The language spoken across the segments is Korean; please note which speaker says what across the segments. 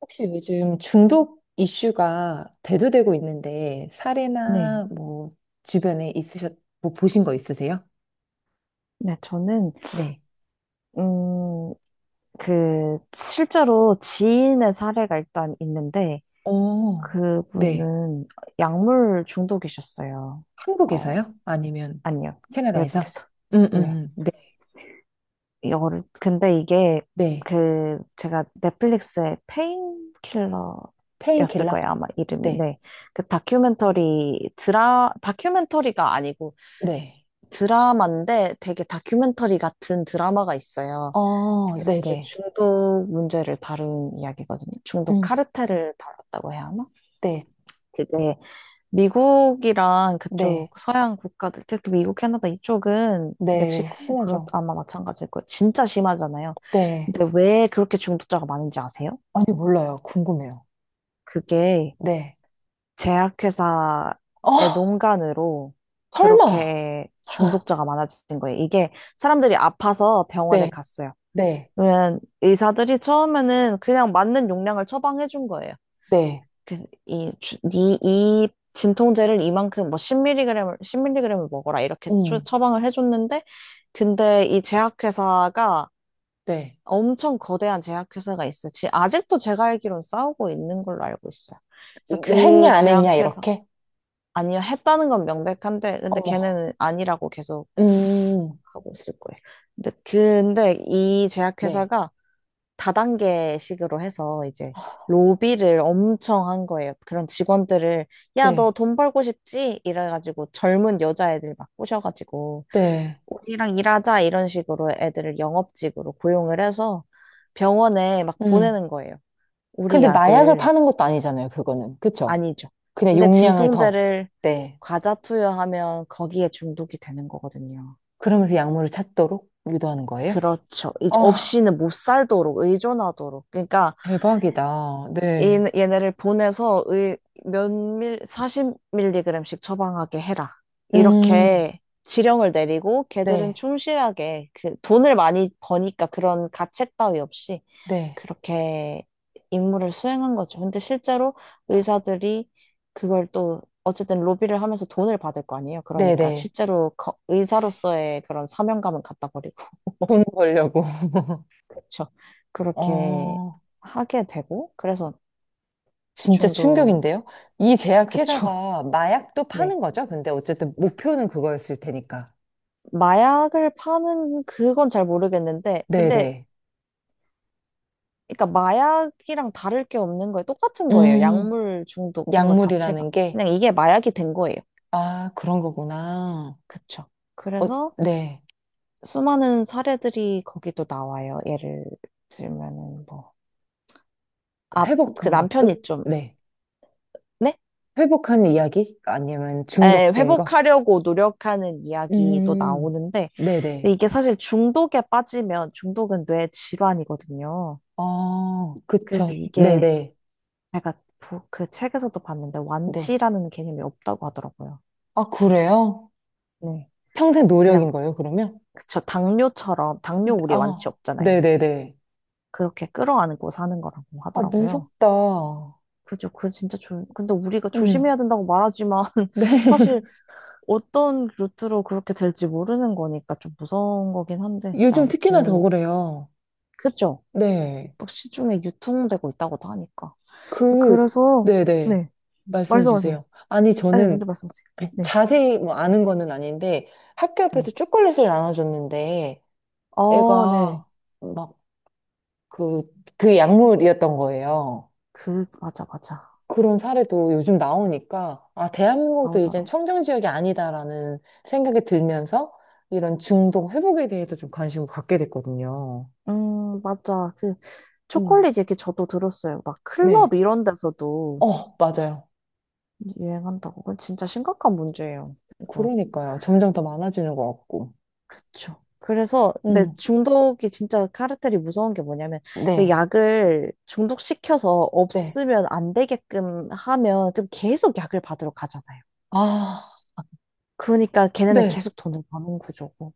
Speaker 1: 혹시 요즘 중독 이슈가 대두되고 있는데
Speaker 2: 네.
Speaker 1: 사례나 뭐 주변에 뭐 보신 거 있으세요?
Speaker 2: 네, 저는,
Speaker 1: 네.
Speaker 2: 음, 그, 실제로 지인의 사례가 일단 있는데,
Speaker 1: 어, 네.
Speaker 2: 그분은 약물 중독이셨어요. 어,
Speaker 1: 한국에서요? 아니면
Speaker 2: 아니요.
Speaker 1: 캐나다에서?
Speaker 2: 외국에서. 네.
Speaker 1: 네,
Speaker 2: 이거를, 근데 이게,
Speaker 1: 네.
Speaker 2: 그, 제가 넷플릭스의 페인킬러였을
Speaker 1: 페인킬러?
Speaker 2: 거예요. 아마 이름이.
Speaker 1: 네,
Speaker 2: 네. 그 다큐멘터리, 다큐멘터리가 아니고
Speaker 1: 네.
Speaker 2: 드라마인데 되게 다큐멘터리 같은 드라마가 있어요.
Speaker 1: 어,
Speaker 2: 그게
Speaker 1: 네네.
Speaker 2: 중독 문제를 다룬 이야기거든요. 중독
Speaker 1: 음,
Speaker 2: 카르텔을 다뤘다고 해야 하나?
Speaker 1: 네,
Speaker 2: 그게 미국이랑 그쪽
Speaker 1: 네,
Speaker 2: 서양 국가들, 특히 미국, 캐나다 이쪽은
Speaker 1: 네.
Speaker 2: 멕시코? 그런
Speaker 1: 심하죠?
Speaker 2: 아마 마찬가지일 거예요. 진짜 심하잖아요.
Speaker 1: 네.
Speaker 2: 근데 왜 그렇게 중독자가 많은지 아세요?
Speaker 1: 아니, 몰라요. 궁금해요.
Speaker 2: 그게
Speaker 1: 네.
Speaker 2: 제약회사의
Speaker 1: 어,
Speaker 2: 농간으로
Speaker 1: 설마?
Speaker 2: 그렇게 중독자가 많아진 거예요. 이게 사람들이 아파서 병원에
Speaker 1: 네,
Speaker 2: 갔어요.
Speaker 1: 네,
Speaker 2: 그러면 의사들이 처음에는 그냥 맞는 용량을 처방해 준 거예요.
Speaker 1: 네.
Speaker 2: 그, 이, 이 진통제를 이만큼 뭐 10mg을, 밀리그램을 먹어라 이렇게
Speaker 1: 음,
Speaker 2: 처방을 해줬는데, 근데 이 제약회사가
Speaker 1: 네.
Speaker 2: 엄청 거대한 제약회사가 있어요. 아직도 제가 알기론 싸우고 있는 걸로 알고 있어요. 그래서
Speaker 1: 네, 했냐,
Speaker 2: 그
Speaker 1: 안 했냐,
Speaker 2: 제약회사,
Speaker 1: 이렇게?
Speaker 2: 아니요, 했다는 건 명백한데, 근데
Speaker 1: 어머.
Speaker 2: 걔는 아니라고 계속
Speaker 1: 음,
Speaker 2: 하고 있을 거예요. 근데 이
Speaker 1: 네.
Speaker 2: 제약회사가 다단계식으로 해서 이제 로비를 엄청 한 거예요. 그런 직원들을 야, 너
Speaker 1: 네.
Speaker 2: 돈 벌고 싶지? 이래가지고 젊은 여자애들 막 꼬셔가지고
Speaker 1: 네.
Speaker 2: 우리랑 일하자 이런 식으로 애들을 영업직으로 고용을 해서 병원에 막
Speaker 1: 음.
Speaker 2: 보내는 거예요. 우리
Speaker 1: 근데 마약을
Speaker 2: 약을
Speaker 1: 파는 것도 아니잖아요, 그거는. 그쵸?
Speaker 2: 아니죠.
Speaker 1: 그냥
Speaker 2: 근데
Speaker 1: 용량을 더.
Speaker 2: 진통제를
Speaker 1: 네.
Speaker 2: 과자 투여하면 거기에 중독이 되는 거거든요.
Speaker 1: 그러면서 약물을 찾도록 유도하는 거예요?
Speaker 2: 그렇죠.
Speaker 1: 아,
Speaker 2: 없이는 못 살도록 의존하도록. 그러니까
Speaker 1: 대박이다. 네.
Speaker 2: 얘네를 보내서 40mg씩 처방하게 해라.
Speaker 1: 음,
Speaker 2: 이렇게 지령을 내리고 걔들은
Speaker 1: 네.
Speaker 2: 충실하게 그 돈을 많이 버니까 그런 가책 따위 없이
Speaker 1: 네.
Speaker 2: 그렇게 임무를 수행한 거죠. 근데 실제로 의사들이 그걸 또 어쨌든 로비를 하면서 돈을 받을 거 아니에요. 그러니까
Speaker 1: 네네.
Speaker 2: 실제로 의사로서의 그런 사명감은 갖다 버리고
Speaker 1: 돈 벌려고.
Speaker 2: 그렇죠. 그렇게
Speaker 1: 어,
Speaker 2: 하게 되고 그래서
Speaker 1: 진짜
Speaker 2: 중독
Speaker 1: 충격인데요? 이
Speaker 2: 그쵸.
Speaker 1: 제약회사가 마약도
Speaker 2: 네.
Speaker 1: 파는 거죠? 근데 어쨌든 목표는 그거였을 테니까.
Speaker 2: 마약을 파는 그건 잘 모르겠는데, 근데
Speaker 1: 네네.
Speaker 2: 그러니까 마약이랑 다를 게 없는 거예요. 똑같은 거예요.
Speaker 1: 음.
Speaker 2: 약물 중독인 것 자체가.
Speaker 1: 약물이라는 게,
Speaker 2: 그냥 이게 마약이 된 거예요.
Speaker 1: 아, 그런 거구나.
Speaker 2: 그쵸.
Speaker 1: 어,
Speaker 2: 그래서
Speaker 1: 네.
Speaker 2: 수많은 사례들이 거기도 나와요. 예를 들면은 뭐, 아, 그
Speaker 1: 회복한 것도?
Speaker 2: 남편이 좀,
Speaker 1: 네.
Speaker 2: 네?
Speaker 1: 회복한 이야기? 아니면
Speaker 2: 에,
Speaker 1: 중독된 거?
Speaker 2: 회복하려고 노력하는 이야기도
Speaker 1: 음,
Speaker 2: 나오는데, 근데
Speaker 1: 네네.
Speaker 2: 이게 사실 중독에 빠지면 중독은 뇌 질환이거든요.
Speaker 1: 아, 그쵸.
Speaker 2: 그래서 이게
Speaker 1: 네네.
Speaker 2: 제가 그 책에서도 봤는데
Speaker 1: 네.
Speaker 2: 완치라는 개념이 없다고 하더라고요.
Speaker 1: 아, 그래요?
Speaker 2: 네.
Speaker 1: 평생
Speaker 2: 그냥
Speaker 1: 노력인 거예요, 그러면?
Speaker 2: 저 당뇨처럼 당뇨 우리 완치
Speaker 1: 아,
Speaker 2: 없잖아요.
Speaker 1: 네네네.
Speaker 2: 그렇게 끌어안고 사는 거라고
Speaker 1: 아,
Speaker 2: 하더라고요.
Speaker 1: 무섭다.
Speaker 2: 그죠? 그 진짜 근데 우리가
Speaker 1: 음,
Speaker 2: 조심해야 된다고 말하지만
Speaker 1: 네.
Speaker 2: 사실 어떤 루트로 그렇게 될지 모르는 거니까 좀 무서운 거긴 한데
Speaker 1: 요즘 특히나 더
Speaker 2: 아무튼
Speaker 1: 그래요.
Speaker 2: 그죠?
Speaker 1: 네.
Speaker 2: 막 시중에 유통되고 있다고도 하니까.
Speaker 1: 그,
Speaker 2: 그래서
Speaker 1: 네네.
Speaker 2: 네.
Speaker 1: 말씀해
Speaker 2: 말씀하세요.
Speaker 1: 주세요. 아니,
Speaker 2: 아니, 먼저
Speaker 1: 저는
Speaker 2: 말씀하세요. 네.
Speaker 1: 자세히 뭐 아는 거는 아닌데 학교
Speaker 2: 네.
Speaker 1: 앞에서 초콜릿을 나눠줬는데
Speaker 2: 어, 네.
Speaker 1: 애가 막 그, 그 약물이었던 거예요.
Speaker 2: 그, 맞아, 맞아.
Speaker 1: 그런 사례도 요즘 나오니까 아, 대한민국도 이젠
Speaker 2: 나오더라고.
Speaker 1: 청정지역이 아니다라는 생각이 들면서 이런 중독 회복에 대해서 좀 관심을 갖게 됐거든요.
Speaker 2: 맞아. 그,
Speaker 1: 음,
Speaker 2: 초콜릿 얘기 저도 들었어요. 막
Speaker 1: 네.
Speaker 2: 클럽 이런 데서도
Speaker 1: 어, 맞아요.
Speaker 2: 유행한다고. 그건 진짜 심각한 문제예요. 이거.
Speaker 1: 그러니까요. 점점 더 많아지는 것 같고.
Speaker 2: 그쵸. 그래서, 근데
Speaker 1: 음,
Speaker 2: 중독이 진짜 카르텔이 무서운 게 뭐냐면, 이
Speaker 1: 네,
Speaker 2: 약을 중독시켜서
Speaker 1: 네.
Speaker 2: 없으면 안 되게끔 하면, 그럼 계속 약을 받으러 가잖아요.
Speaker 1: 아,
Speaker 2: 그러니까 걔네는
Speaker 1: 네.
Speaker 2: 계속 돈을 버는 구조고.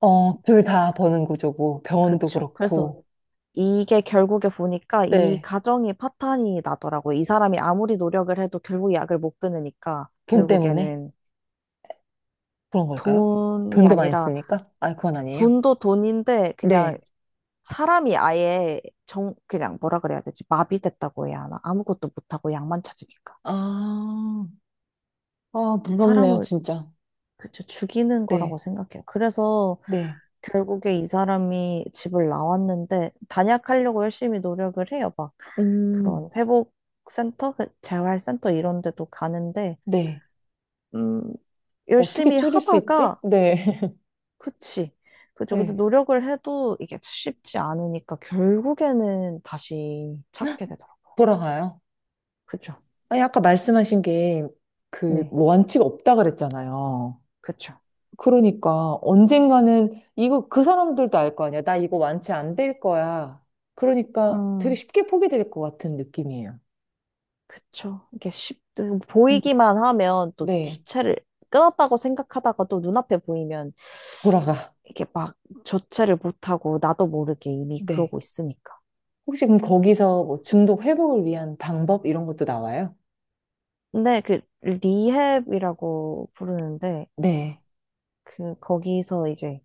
Speaker 1: 어, 둘 다 버는 구조고, 병원도
Speaker 2: 그쵸. 그래서
Speaker 1: 그렇고,
Speaker 2: 이게 결국에 보니까 이
Speaker 1: 네.
Speaker 2: 가정이 파탄이 나더라고요. 이 사람이 아무리 노력을 해도 결국 약을 못 끊으니까
Speaker 1: 돈 때문에
Speaker 2: 결국에는
Speaker 1: 그런 걸까요?
Speaker 2: 돈이
Speaker 1: 돈도 많이
Speaker 2: 아니라
Speaker 1: 쓰니까? 아, 그건 아니에요.
Speaker 2: 돈도 돈인데 그냥
Speaker 1: 네.
Speaker 2: 사람이 아예 그냥 뭐라 그래야 되지? 마비됐다고 해야 하나? 아무것도 못하고 약만 찾으니까.
Speaker 1: 아, 아, 무섭네요,
Speaker 2: 사람을
Speaker 1: 진짜.
Speaker 2: 그쵸, 죽이는 거라고
Speaker 1: 네.
Speaker 2: 생각해요. 그래서
Speaker 1: 네.
Speaker 2: 결국에 이 사람이 집을 나왔는데 단약하려고 열심히 노력을 해요. 막
Speaker 1: 음,
Speaker 2: 그런 회복센터, 그 재활센터 이런 데도 가는데
Speaker 1: 네.
Speaker 2: 음,
Speaker 1: 어떻게
Speaker 2: 열심히
Speaker 1: 줄일 수 있지?
Speaker 2: 하다가
Speaker 1: 네.
Speaker 2: 그치. 그죠. 근데
Speaker 1: 네.
Speaker 2: 노력을 해도 이게 쉽지 않으니까 결국에는 다시 찾게 되더라고.
Speaker 1: 돌아가요.
Speaker 2: 그죠.
Speaker 1: 아니, 아까 말씀하신 게, 그,
Speaker 2: 네.
Speaker 1: 뭐 원칙 없다 그랬잖아요.
Speaker 2: 그쵸.
Speaker 1: 그러니까 언젠가는 이거 그 사람들도 알 거 아니야. 나 이거 완치 안 될 거야. 그러니까 되게
Speaker 2: 음,
Speaker 1: 쉽게 포기될 것 같은 느낌이에요.
Speaker 2: 그쵸. 이게
Speaker 1: 음.
Speaker 2: 보이기만 하면 또
Speaker 1: 네.
Speaker 2: 주체를 끊었다고 생각하다가 또 눈앞에 보이면
Speaker 1: 돌아가.
Speaker 2: 이게 막 조체를 못하고 나도 모르게 이미
Speaker 1: 네.
Speaker 2: 그러고 있으니까.
Speaker 1: 혹시 그럼 거기서 뭐 중독 회복을 위한 방법 이런 것도 나와요?
Speaker 2: 근데 그 리헵이라고 부르는데
Speaker 1: 네.
Speaker 2: 그 거기서 이제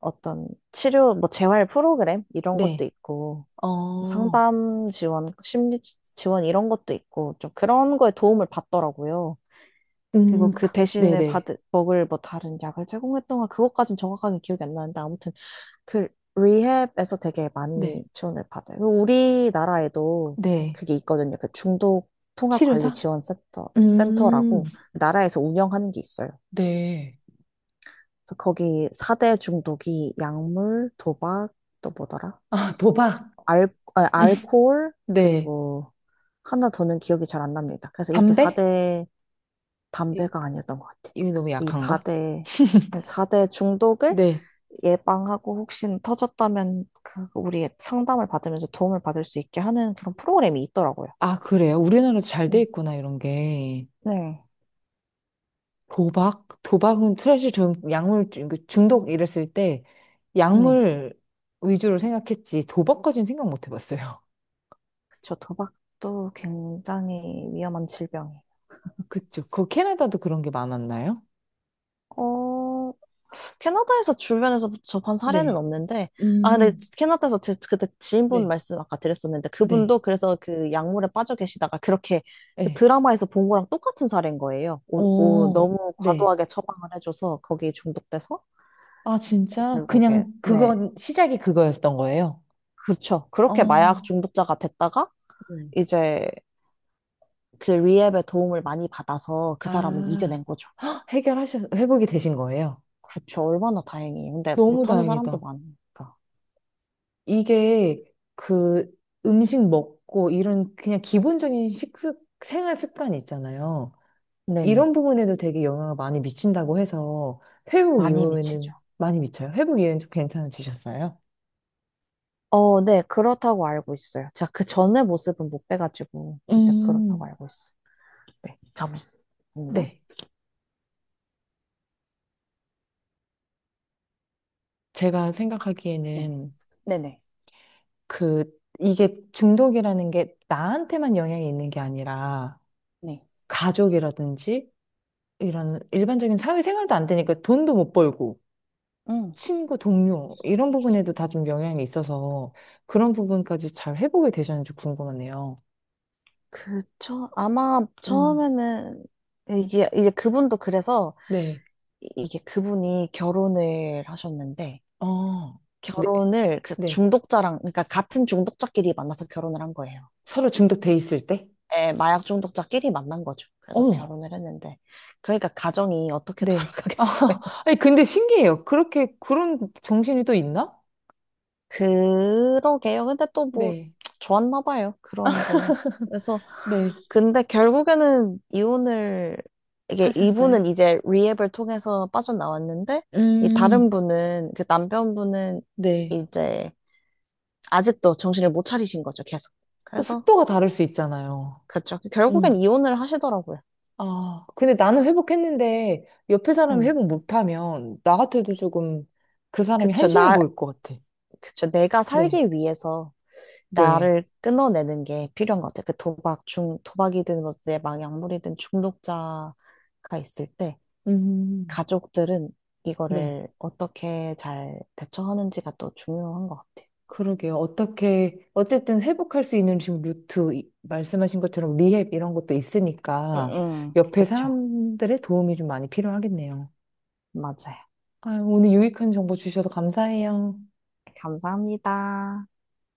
Speaker 2: 어떤 치료 뭐 재활 프로그램 이런 것도
Speaker 1: 네.
Speaker 2: 있고
Speaker 1: 어.
Speaker 2: 상담 지원, 심리 지원 이런 것도 있고 좀 그런 거에 도움을 받더라고요. 그리고
Speaker 1: 음.
Speaker 2: 그 대신에
Speaker 1: 네네.
Speaker 2: 받을 먹을 뭐 다른 약을 제공했던 건 그것까진 정확하게 기억이 안 나는데 아무튼 그 리헵에서 되게
Speaker 1: 네.
Speaker 2: 많이 지원을 받아요. 그리고 우리나라에도
Speaker 1: 네.
Speaker 2: 그게 있거든요. 그 중독 통합 관리
Speaker 1: 치료사?
Speaker 2: 지원 센터
Speaker 1: 음.
Speaker 2: 센터라고 나라에서 운영하는 게 있어요.
Speaker 1: 네.
Speaker 2: 그래서 거기 4대 중독이 약물, 도박, 또 뭐더라?
Speaker 1: 아, 도박.
Speaker 2: 알, 알코올
Speaker 1: 네.
Speaker 2: 그리고 하나 더는 기억이 잘 안 납니다. 그래서 이렇게 사
Speaker 1: 담배?
Speaker 2: 대
Speaker 1: 이-
Speaker 2: 담배가 아니었던 것 같아.
Speaker 1: 이게 너무
Speaker 2: 그래서 이
Speaker 1: 약한가?
Speaker 2: 4대, 사대 중독을
Speaker 1: 네.
Speaker 2: 예방하고 혹시 터졌다면 그 우리의 상담을 받으면서 도움을 받을 수 있게 하는 그런 프로그램이 있더라고요.
Speaker 1: 아, 그래요? 우리나라도 잘 돼
Speaker 2: 음,
Speaker 1: 있구나, 이런 게.
Speaker 2: 네.
Speaker 1: 도박? 도박은 사실 전 약물 그 중독 이랬을 때
Speaker 2: 네.
Speaker 1: 약물 위주로 생각했지 도박까지는 생각 못 해봤어요.
Speaker 2: 그쵸. 도박도 굉장히 위험한 질병이에요.
Speaker 1: 그쵸. 그 캐나다도 그런 게 많았나요?
Speaker 2: 어, 캐나다에서 주변에서 접한 사례는
Speaker 1: 네.
Speaker 2: 없는데, 아, 근데
Speaker 1: 음,
Speaker 2: 캐나다에서 그때 지인분
Speaker 1: 네.
Speaker 2: 말씀 아까 드렸었는데,
Speaker 1: 네.
Speaker 2: 그분도 그래서 그 약물에 빠져 계시다가 그렇게 그
Speaker 1: 네.
Speaker 2: 드라마에서 본 거랑 똑같은 사례인 거예요. 오, 오,
Speaker 1: 오,
Speaker 2: 너무
Speaker 1: 네.
Speaker 2: 과도하게 처방을 해줘서 거기 중독돼서
Speaker 1: 아, 진짜?
Speaker 2: 결국에,
Speaker 1: 그냥
Speaker 2: 네.
Speaker 1: 그건 시작이 그거였던 거예요?
Speaker 2: 그렇죠. 그렇게 마약
Speaker 1: 어,
Speaker 2: 중독자가 됐다가
Speaker 1: 음.
Speaker 2: 이제 그 리앱의 도움을 많이 받아서 그 사람은
Speaker 1: 아,
Speaker 2: 이겨낸 거죠.
Speaker 1: 헉, 회복이 되신 거예요?
Speaker 2: 그렇죠. 얼마나 다행이에요. 근데
Speaker 1: 너무
Speaker 2: 못하는 사람도
Speaker 1: 다행이다.
Speaker 2: 많으니까.
Speaker 1: 이게 그 음식 먹고 이런 그냥 기본적인 생활 습관이 있잖아요.
Speaker 2: 네네.
Speaker 1: 이런 부분에도 되게 영향을 많이 미친다고 해서 회복
Speaker 2: 많이 미치죠.
Speaker 1: 이후에는 많이 미쳐요. 회복 이후에는 좀 괜찮아지셨어요?
Speaker 2: 어, 네, 그렇다고 알고 있어요. 제가 그 전의 모습은 못 빼가지고, 그때 그렇다고
Speaker 1: 음,
Speaker 2: 알고 있어요. 네, 잠시만요.
Speaker 1: 네. 제가
Speaker 2: 네,
Speaker 1: 생각하기에는
Speaker 2: 네네.
Speaker 1: 그, 이게 중독이라는 게 나한테만 영향이 있는 게 아니라
Speaker 2: 네.
Speaker 1: 가족이라든지 이런 일반적인 사회생활도 안 되니까 돈도 못 벌고
Speaker 2: 음,
Speaker 1: 친구, 동료, 이런 부분에도 다 좀 영향이 있어서 그런 부분까지 잘 회복이 되셨는지 궁금하네요.
Speaker 2: 아마
Speaker 1: 음,
Speaker 2: 처음에는, 이게, 이제 그분도 그래서,
Speaker 1: 네.
Speaker 2: 이게 그분이 결혼을 하셨는데,
Speaker 1: 어, 네,
Speaker 2: 결혼을 그
Speaker 1: 네.
Speaker 2: 중독자랑, 그러니까 같은 중독자끼리 만나서 결혼을 한 거예요.
Speaker 1: 서로 중독돼 있을 때?
Speaker 2: 예, 마약 중독자끼리 만난 거죠. 그래서
Speaker 1: 어머,
Speaker 2: 결혼을 했는데, 그러니까 가정이 어떻게
Speaker 1: 네. 아,
Speaker 2: 돌아가겠어.
Speaker 1: 아니, 근데 신기해요. 그렇게, 그런 정신이 또 있나?
Speaker 2: 그러게요. 근데 또 뭐,
Speaker 1: 네.
Speaker 2: 좋았나 봐요. 그런 거는. 그래서,
Speaker 1: 네.
Speaker 2: 근데 결국에는 이혼을, 이게
Speaker 1: 하셨어요?
Speaker 2: 이분은 이제 리앱을 통해서 빠져나왔는데, 이 다른
Speaker 1: 음,
Speaker 2: 분은, 그 남편분은
Speaker 1: 네.
Speaker 2: 이제 아직도 정신을 못 차리신 거죠, 계속.
Speaker 1: 또
Speaker 2: 그래서,
Speaker 1: 속도가 다를 수 있잖아요.
Speaker 2: 그쵸.
Speaker 1: 음.
Speaker 2: 결국엔 이혼을 하시더라고요.
Speaker 1: 아, 근데 나는 회복했는데 옆에 사람이
Speaker 2: 음.
Speaker 1: 회복 못하면 나 같아도 조금 그 사람이
Speaker 2: 그쵸.
Speaker 1: 한심해
Speaker 2: 나,
Speaker 1: 보일 것 같아.
Speaker 2: 그쵸. 내가
Speaker 1: 네,
Speaker 2: 살기 위해서.
Speaker 1: 네,
Speaker 2: 나를 끊어내는 게 필요한 것 같아. 그 도박, 중, 도박이든 뭐 내 막약물이든 중독자가 있을 때
Speaker 1: 음,
Speaker 2: 가족들은
Speaker 1: 네.
Speaker 2: 이거를 어떻게 잘 대처하는지가 또 중요한 것 같아.
Speaker 1: 그러게요. 어떻게, 어쨌든 회복할 수 있는 지금 루트, 말씀하신 것처럼 리헵 이런 것도
Speaker 2: 응,
Speaker 1: 있으니까
Speaker 2: 응.
Speaker 1: 옆에
Speaker 2: 그쵸?
Speaker 1: 사람들의 도움이 좀 많이 필요하겠네요.
Speaker 2: 맞아요.
Speaker 1: 아, 오늘 유익한 정보 주셔서 감사해요.
Speaker 2: 감사합니다.